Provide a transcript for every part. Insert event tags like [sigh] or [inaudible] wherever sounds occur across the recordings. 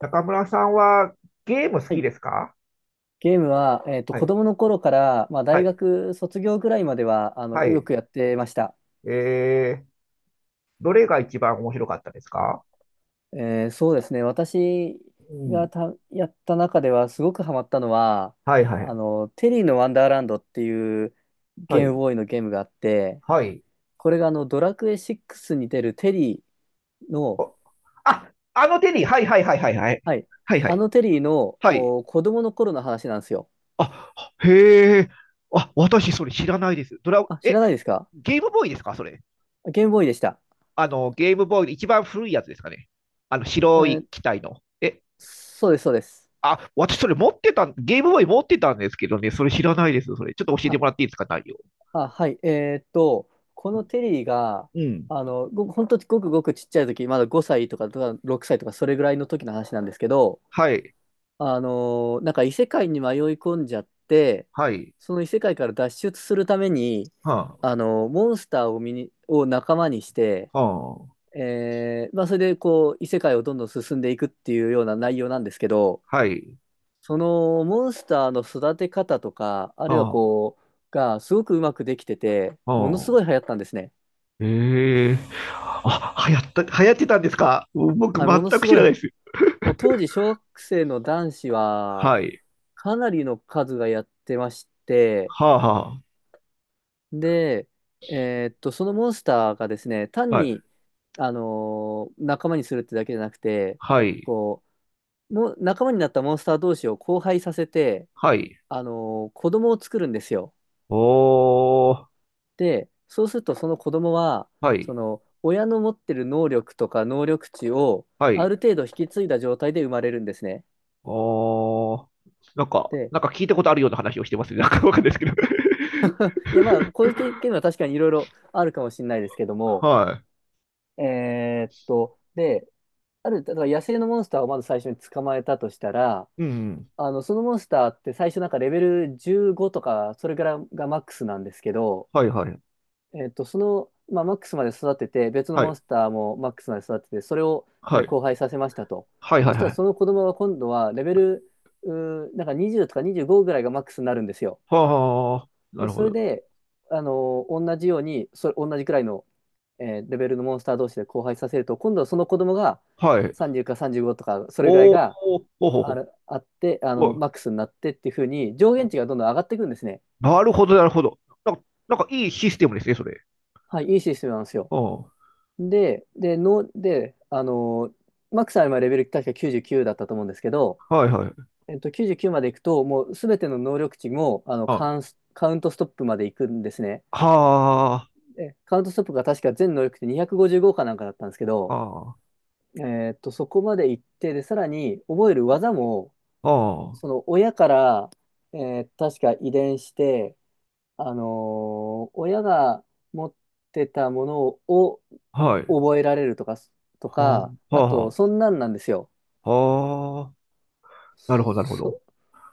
中村さんはゲーム好はきい。ですか？ゲームは、は子い。供の頃から、まあ、は大い。学卒業ぐらいまでは、はよい。くやってました。えー、どれが一番面白かったですか？そうですね。私うがん。た、やった中では、すごくハマったのは、はいはい。テリーのワンダーランドっていうはゲームい。ボーイのゲームがあって、はい。これがドラクエ6に出るテリーの、お、あ、あのテリー。はいはいはいはいはい。はい、はいはあい。のテリーの、はい。子供の頃の話なんですよ。あ、へえ。あ、私それ知らないです。ドラ、あ、知え、らないですか？ゲームボーイですかそれ。ゲームボーイでした。あの、ゲームボーイで一番古いやつですかね。あの、え白い機ー体の。え、そうです、そうです。あ、私それ持ってた、ゲームボーイ持ってたんですけどね、それ知らないです。それ。ちょっと教えてあもらっていいですか、内容。あ、はい。このテリーが、うん、本当ごくごくちっちゃい時、まだ5歳とか、6歳とか、それぐらいの時の話なんですけど、はい、あのなんか異世界に迷い込んじゃって、はい、その異世界から脱出するために、はモンスターをを仲間にして、あ、はまあ、それでこう、異世界をどんどん進んでいくっていうような内容なんですけど、あ、はい、そのモンスターの育て方とか、あるいははこう、がすごくうまくできてて、あ、ものすはあ。ごい流行ったんですね。ええ、あ、流行った、流行ってたんですか？僕はい、も全のくす知ごらい、ないです。もう当時小学生の男子ははい、かなりの数がやってまして、はあ、はで、そのモンスターがですね、あ、単はい、に、あの仲間にするってだけじゃなくて、はい、こう、もう仲間になったモンスター同士を交配させて、はい、子供を作るんですよ。おー、で、そうするとその子供は、はそい、の親の持ってる能力とか能力値をはあい、る程度引き継いだ状態で生まれるんですね。おー。なんか、で、なんか聞いたことあるような話をしてますね。なんかわかんないですけど。[laughs] いやまあ、こういう経験は確かにいろいろあるかもしれないですけども、はで、だから野生のモンスターをまず最初に捕まえたとしたら、い。うん。そのモンスターって最初なんかレベル15とか、それからがマックスなんですけど、はいはい。その、まあ、マックスまで育てて、別のはモンい。スターもマックスまで育てて、それをさはらにい。交配させましたと。はいはそいしたはらい。その子供は今度はレベル、うなんか20とか25ぐらいがマックスになるんですよ。はあ。なで、るほそれど。で、同じように、同じくらいの、レベルのモンスター同士で交配させると、今度はその子供がはい。30か35とか、それぐらいおー、がほうほうほあって、う。はい、マックスになってっていう風に、上限値がどんどん上がっていくんですね。なるほど、なるほど。なんか、なんかいいシステムですね、それ。はい、いいシステムなんですよ。うん。はで、マックスは今レベル確か99だったと思うんですけど、いはい。99まで行くと、もうすべての能力値も、あ、はカウントストップまで行くんですね。あ、はでカウントストップが確か全能力値255かなんかだったんですけど、あ、そこまで行って、で、さらに覚える技も、はその親から、え確か遺伝して、親が持ってたものをあ、はい。覚えられるとか、はあ、あと、はそんなんなんですよ。あ、はあ、なるほど、なるほそ、ど。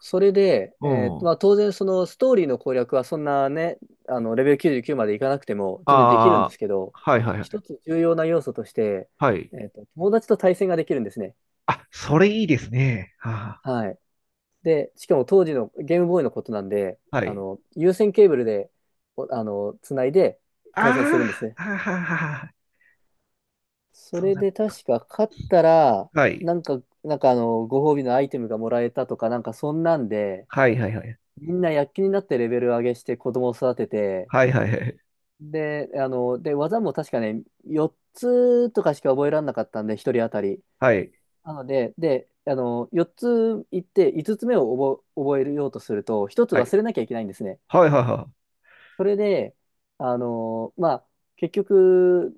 それで、うん。まあ、当然、そのストーリーの攻略はそんなね、レベル99までいかなくても全然できるんでああ、すけど、はいはいはい。一つ重要な要素として、はい。友達と対戦ができるんですね。あ、それいいですね。ははい。で、しかも当時のゲームボーイのことなんで、あ、はい。有線ケーブルで、おあの、つないであ対戦するんですね。あ、はあ、はあ、はあ、そそうれだ。で確か勝ったら、はい。なんか、ご褒美のアイテムがもらえたとか、なんかそんなんで、はいはいはい。みんな躍起になってレベル上げして子供を育てて、はいはいはい。で、あの、で、技も確かね、4つとかしか覚えられなかったんで、1人当たり。はい。なので、4つ行って、5つ目を覚えようとすると、1つはい。忘れなきゃいけないんですね。はいはいはい。それで、まあ、結局、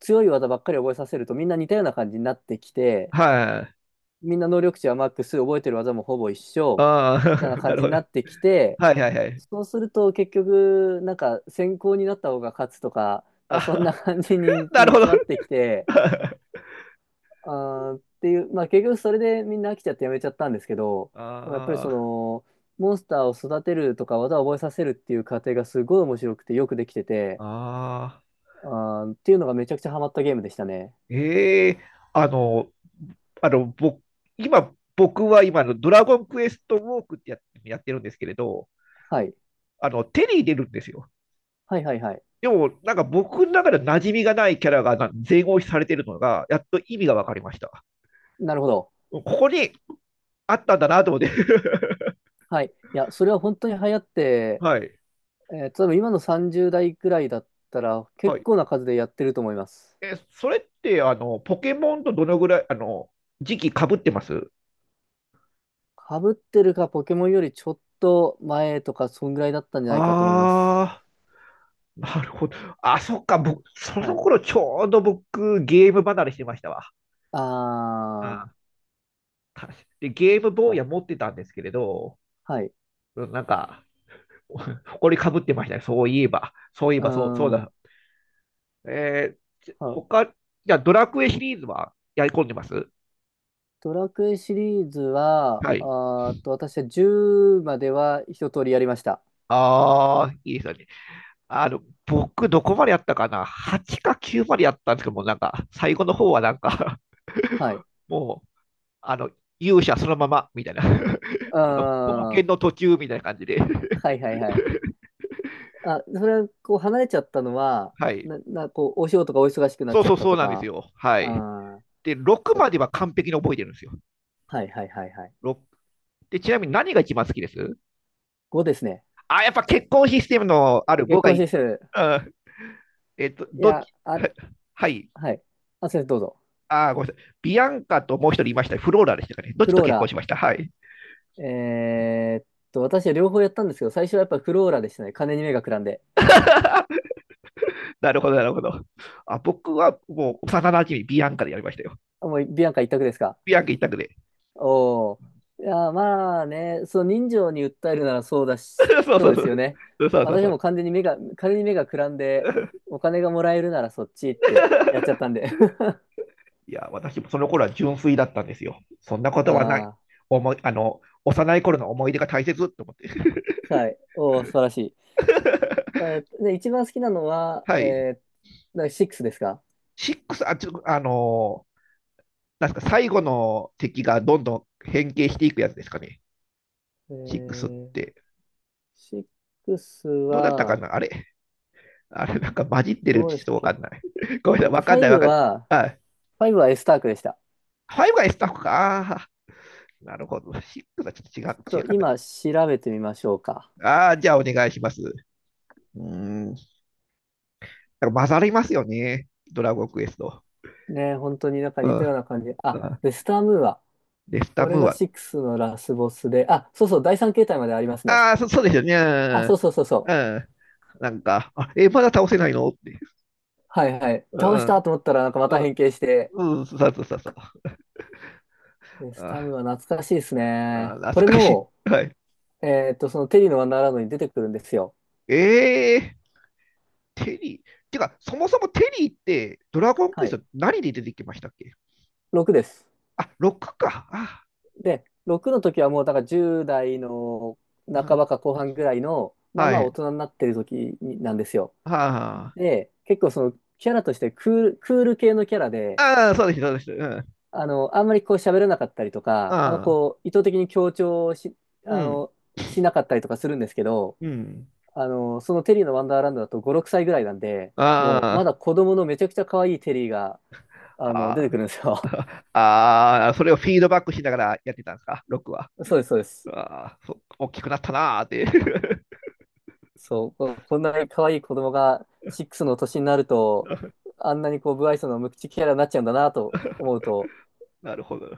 強い技ばっかり覚えさせると、みんな似たような感じになってきて、はい。みんな能力値はマックス、覚えてる技もほぼ一緒、ああ、みたいな [laughs] な感るじほにど。なってきて、はいはいはい。そうすると結局、なんか先行になった方が勝つとか、そんなあ、感じ [laughs] になる煮ほど。詰ま [laughs] ってきて、あーっていう、まあ結局それでみんな飽きちゃってやめちゃったんですけど、でもやっぱりあモンスターを育てるとか技を覚えさせるっていう過程がすごい面白くてよくできてて、あ、ああ、っていうのがめちゃくちゃハマったゲームでしたね。ええ、あの、あの、僕、今、僕は今のドラゴンクエストウォークって、や、やってるんですけれど、はい。あの、手に入れるんですよ。はいはいはい。でも、なんか僕の中で馴染みがないキャラがな全押しされてるのが、やっと意味が分かりました。なるほど。ここにあったんだなと思って。はい。いや、それは本当に流行っ [laughs] て、はい。例えば今の30代くらいだったらは結い。構な数でやってると思います。え、それって、あの、ポケモンとどのぐらい、あの、時期かぶってます？かぶってるか？ポケモンよりちょっと前とかそんぐらいだったんじゃないかと思います。ああー。なるほど。あ、そっか、僕、そはのい。頃ちょうど僕、ゲーム離れしてましたわ。あうん、で、ゲームボー、ーイあ、は持ってたんですけれど、はい。うん、なんか、埃かぶってましたね。そういえば、そういえうーば、そう、そうん。だ。えち、は他、じゃあドラクエシリーズはやり込んでます？ドラクエシリーズは、はい。あーっと、私は10までは一通りやりました。ああ、いいですよね。あの、僕、どこまでやったかな？ 8 か9までやったんですけども、なんか、最後の方はなんか は [laughs] い。も、あの、勇者そのままみたいな う [laughs] ーん。あの、冒険はの途中みたいな感じで、いはいはい。あ、それはこう離れちゃったのは、[laughs] はい。こう、お仕事がお忙しくなっそうちゃっそうたそうとなんですか、よ。はあい。ー、で、6そまでは完璧に覚えてるんですよ。はいはいはいはい。6で、ちなみに何が一番好きです5ですね。あ、やっぱ結婚システムのある月5が光いいで指すか数。ね。うん。えっと、いどっや、ち、[laughs] あれ、は、はい。はい。あ、先生どうぞ。あ、ごめんなさい。ビアンカともう一人いました。フローラでしたかね。どっフちとロー結婚ラ。しました？はい。えーっ私は両方やったんですけど、最初はやっぱフローラでしたね。金に目がくらんで。なるほど、なるほど。あ、僕はもう幼馴染ビアンカでやりましたよ。あ、もうビアンカ一択ですか？ビアンカ一択で。おお。いや、まあね、その人情に訴えるならそうだし、[laughs] そうそそううでそすよう。ね。そうそう私そう。も完全に目が、金に目がくらんで、[laughs] お金がもらえるならそっちってやっちゃったんで。いや、私もその頃は純粋だったんですよ。そんなこ [laughs] とはない。あ思い、あの、幼い頃の思い出が大切って思って。あ、はい。おー素晴らしい。[laughs] 一番好きなのは、はい。だから6ですか？シックス、あ、ちょ、あの、なんですか、最後の敵がどんどん変形していくやつですかね。え6っー、て。6どうだったかは、な、あれ。あれ、なんか混じってるっどうてでちょっしたとっわかけ？んない。[laughs] ごめんなさい、わかんない、5わかんは、ない。あ、エスタークでした。5が S タッフか。あー、なるほど。シックスはちょっちと違ょう、っ違と、かった。今、調べてみましょうか？ああー、じゃあお願いします。うーん。だから混ざりますよね。ドラゴンクエスト。ね、本当になんかう似たよん。うな感じ。あ、あ、ウェスタームーア。レスタこれムーがは、6のラスボスで、あ、そうそう、第3形態までありますね。ああ、そ、そうですよね。あ、そうそうそうそうん。う。うん、なんか、あ、え、まだ倒せないのって。はいはい。う倒したん。と思ったら、なんかまうたん。変形して、うん。そうそうそうそう。ウェスターあ、ムーア懐かしいですあ、ね。懐これかしも、い。はい。そのテリーのワンダーランドに出てくるんですよ。ええー、テリー。てか、そもそもテリーって、ドラゴンクはエスい。ト何で出てきましたっけ？6です。あ、クか。あ、で、6の時はもうだから10代のう半ん、ばか後半ぐらいの、まあはまあ大い。人になってる時になんですよ。うんはで、結構そのキャラとしてクール系のキャラあ、で、ああ、そうです、そうです。うん。あんまりこう喋らなかったりとか、あんまああ、こう意図的に強調し、うあん。の、しなかったりとかするんですけど、うん。そのテリーのワンダーランドだと5、6歳ぐらいなんで、あもうまあ、だ子供のめちゃくちゃ可愛いテリーが、出てあくるんですよ。あ、[laughs] ああ、それをフィードバックしながらやってたんですか、クは。[laughs] そうです、そうです。ああ、そ、大きくなったなーって。そう、ここんなに可愛い子供が6の年になると、[laughs] あんなにこう、無愛想の無口キャラになっちゃうんだなと思うと、なるほど。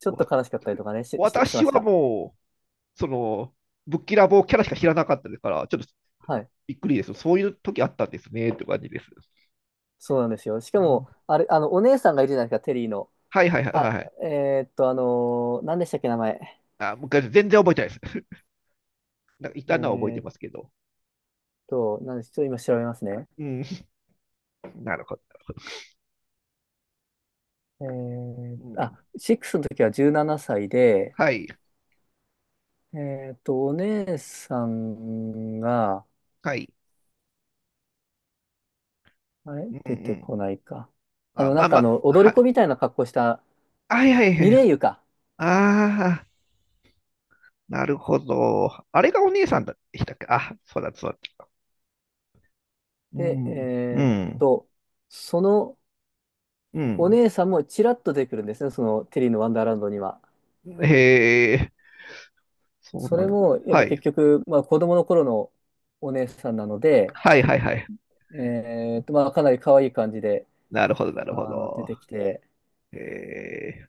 ちょっとわ、悲しかったりとかね、し私ましはた。もう、その、ぶっきらぼうキャラしか知らなかったですから、ちょっとはい。びっくりです。そういう時あったんですね、って感じです。そうなんですよ。しうかん、も、あれ、お姉さんがいるじゃないですか、テリーの。はいはいはいはあ、いはい。何でしたっけ、名前。あ、昔全然覚えてないです。[laughs] なんかいえたのは覚えてーっますけど。何でしょう、今調べますね。うん、なるほど。うあ、ん、6の時は17歳で、はい、お姉さんが、はい。あれうんう出てん。こないか。あ、まなあんかまあ、踊はり子い、みたいな格好した、はいはいはミレい。イユか。ああ、なるほど。あれがお姉さんでしたっけ？あ、そうだそうだ。うで、ん、うん。と、そのうおん。姉さんもちらっと出てくるんですね、そのテリーのワンダーランドには。へえ、そうそなれん。も、やっはぱい。結局、まあ子供の頃のお姉さんなので、はいはいはい。まあかなり可愛い感じで、なるほど、なるほ出ど。てきて、へえ、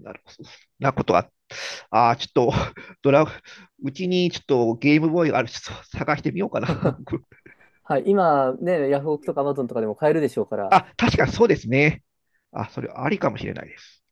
なるほど。なことが、ああ、ちょっと、[laughs] ドラ、うちにちょっとゲームボーイがある、ちょっと探してみようかな。[laughs] はい、今ね、ヤフオクとかアマゾンとかでも買えるでしょうから、あ、確かにそうですね。あ、それありかもしれないです。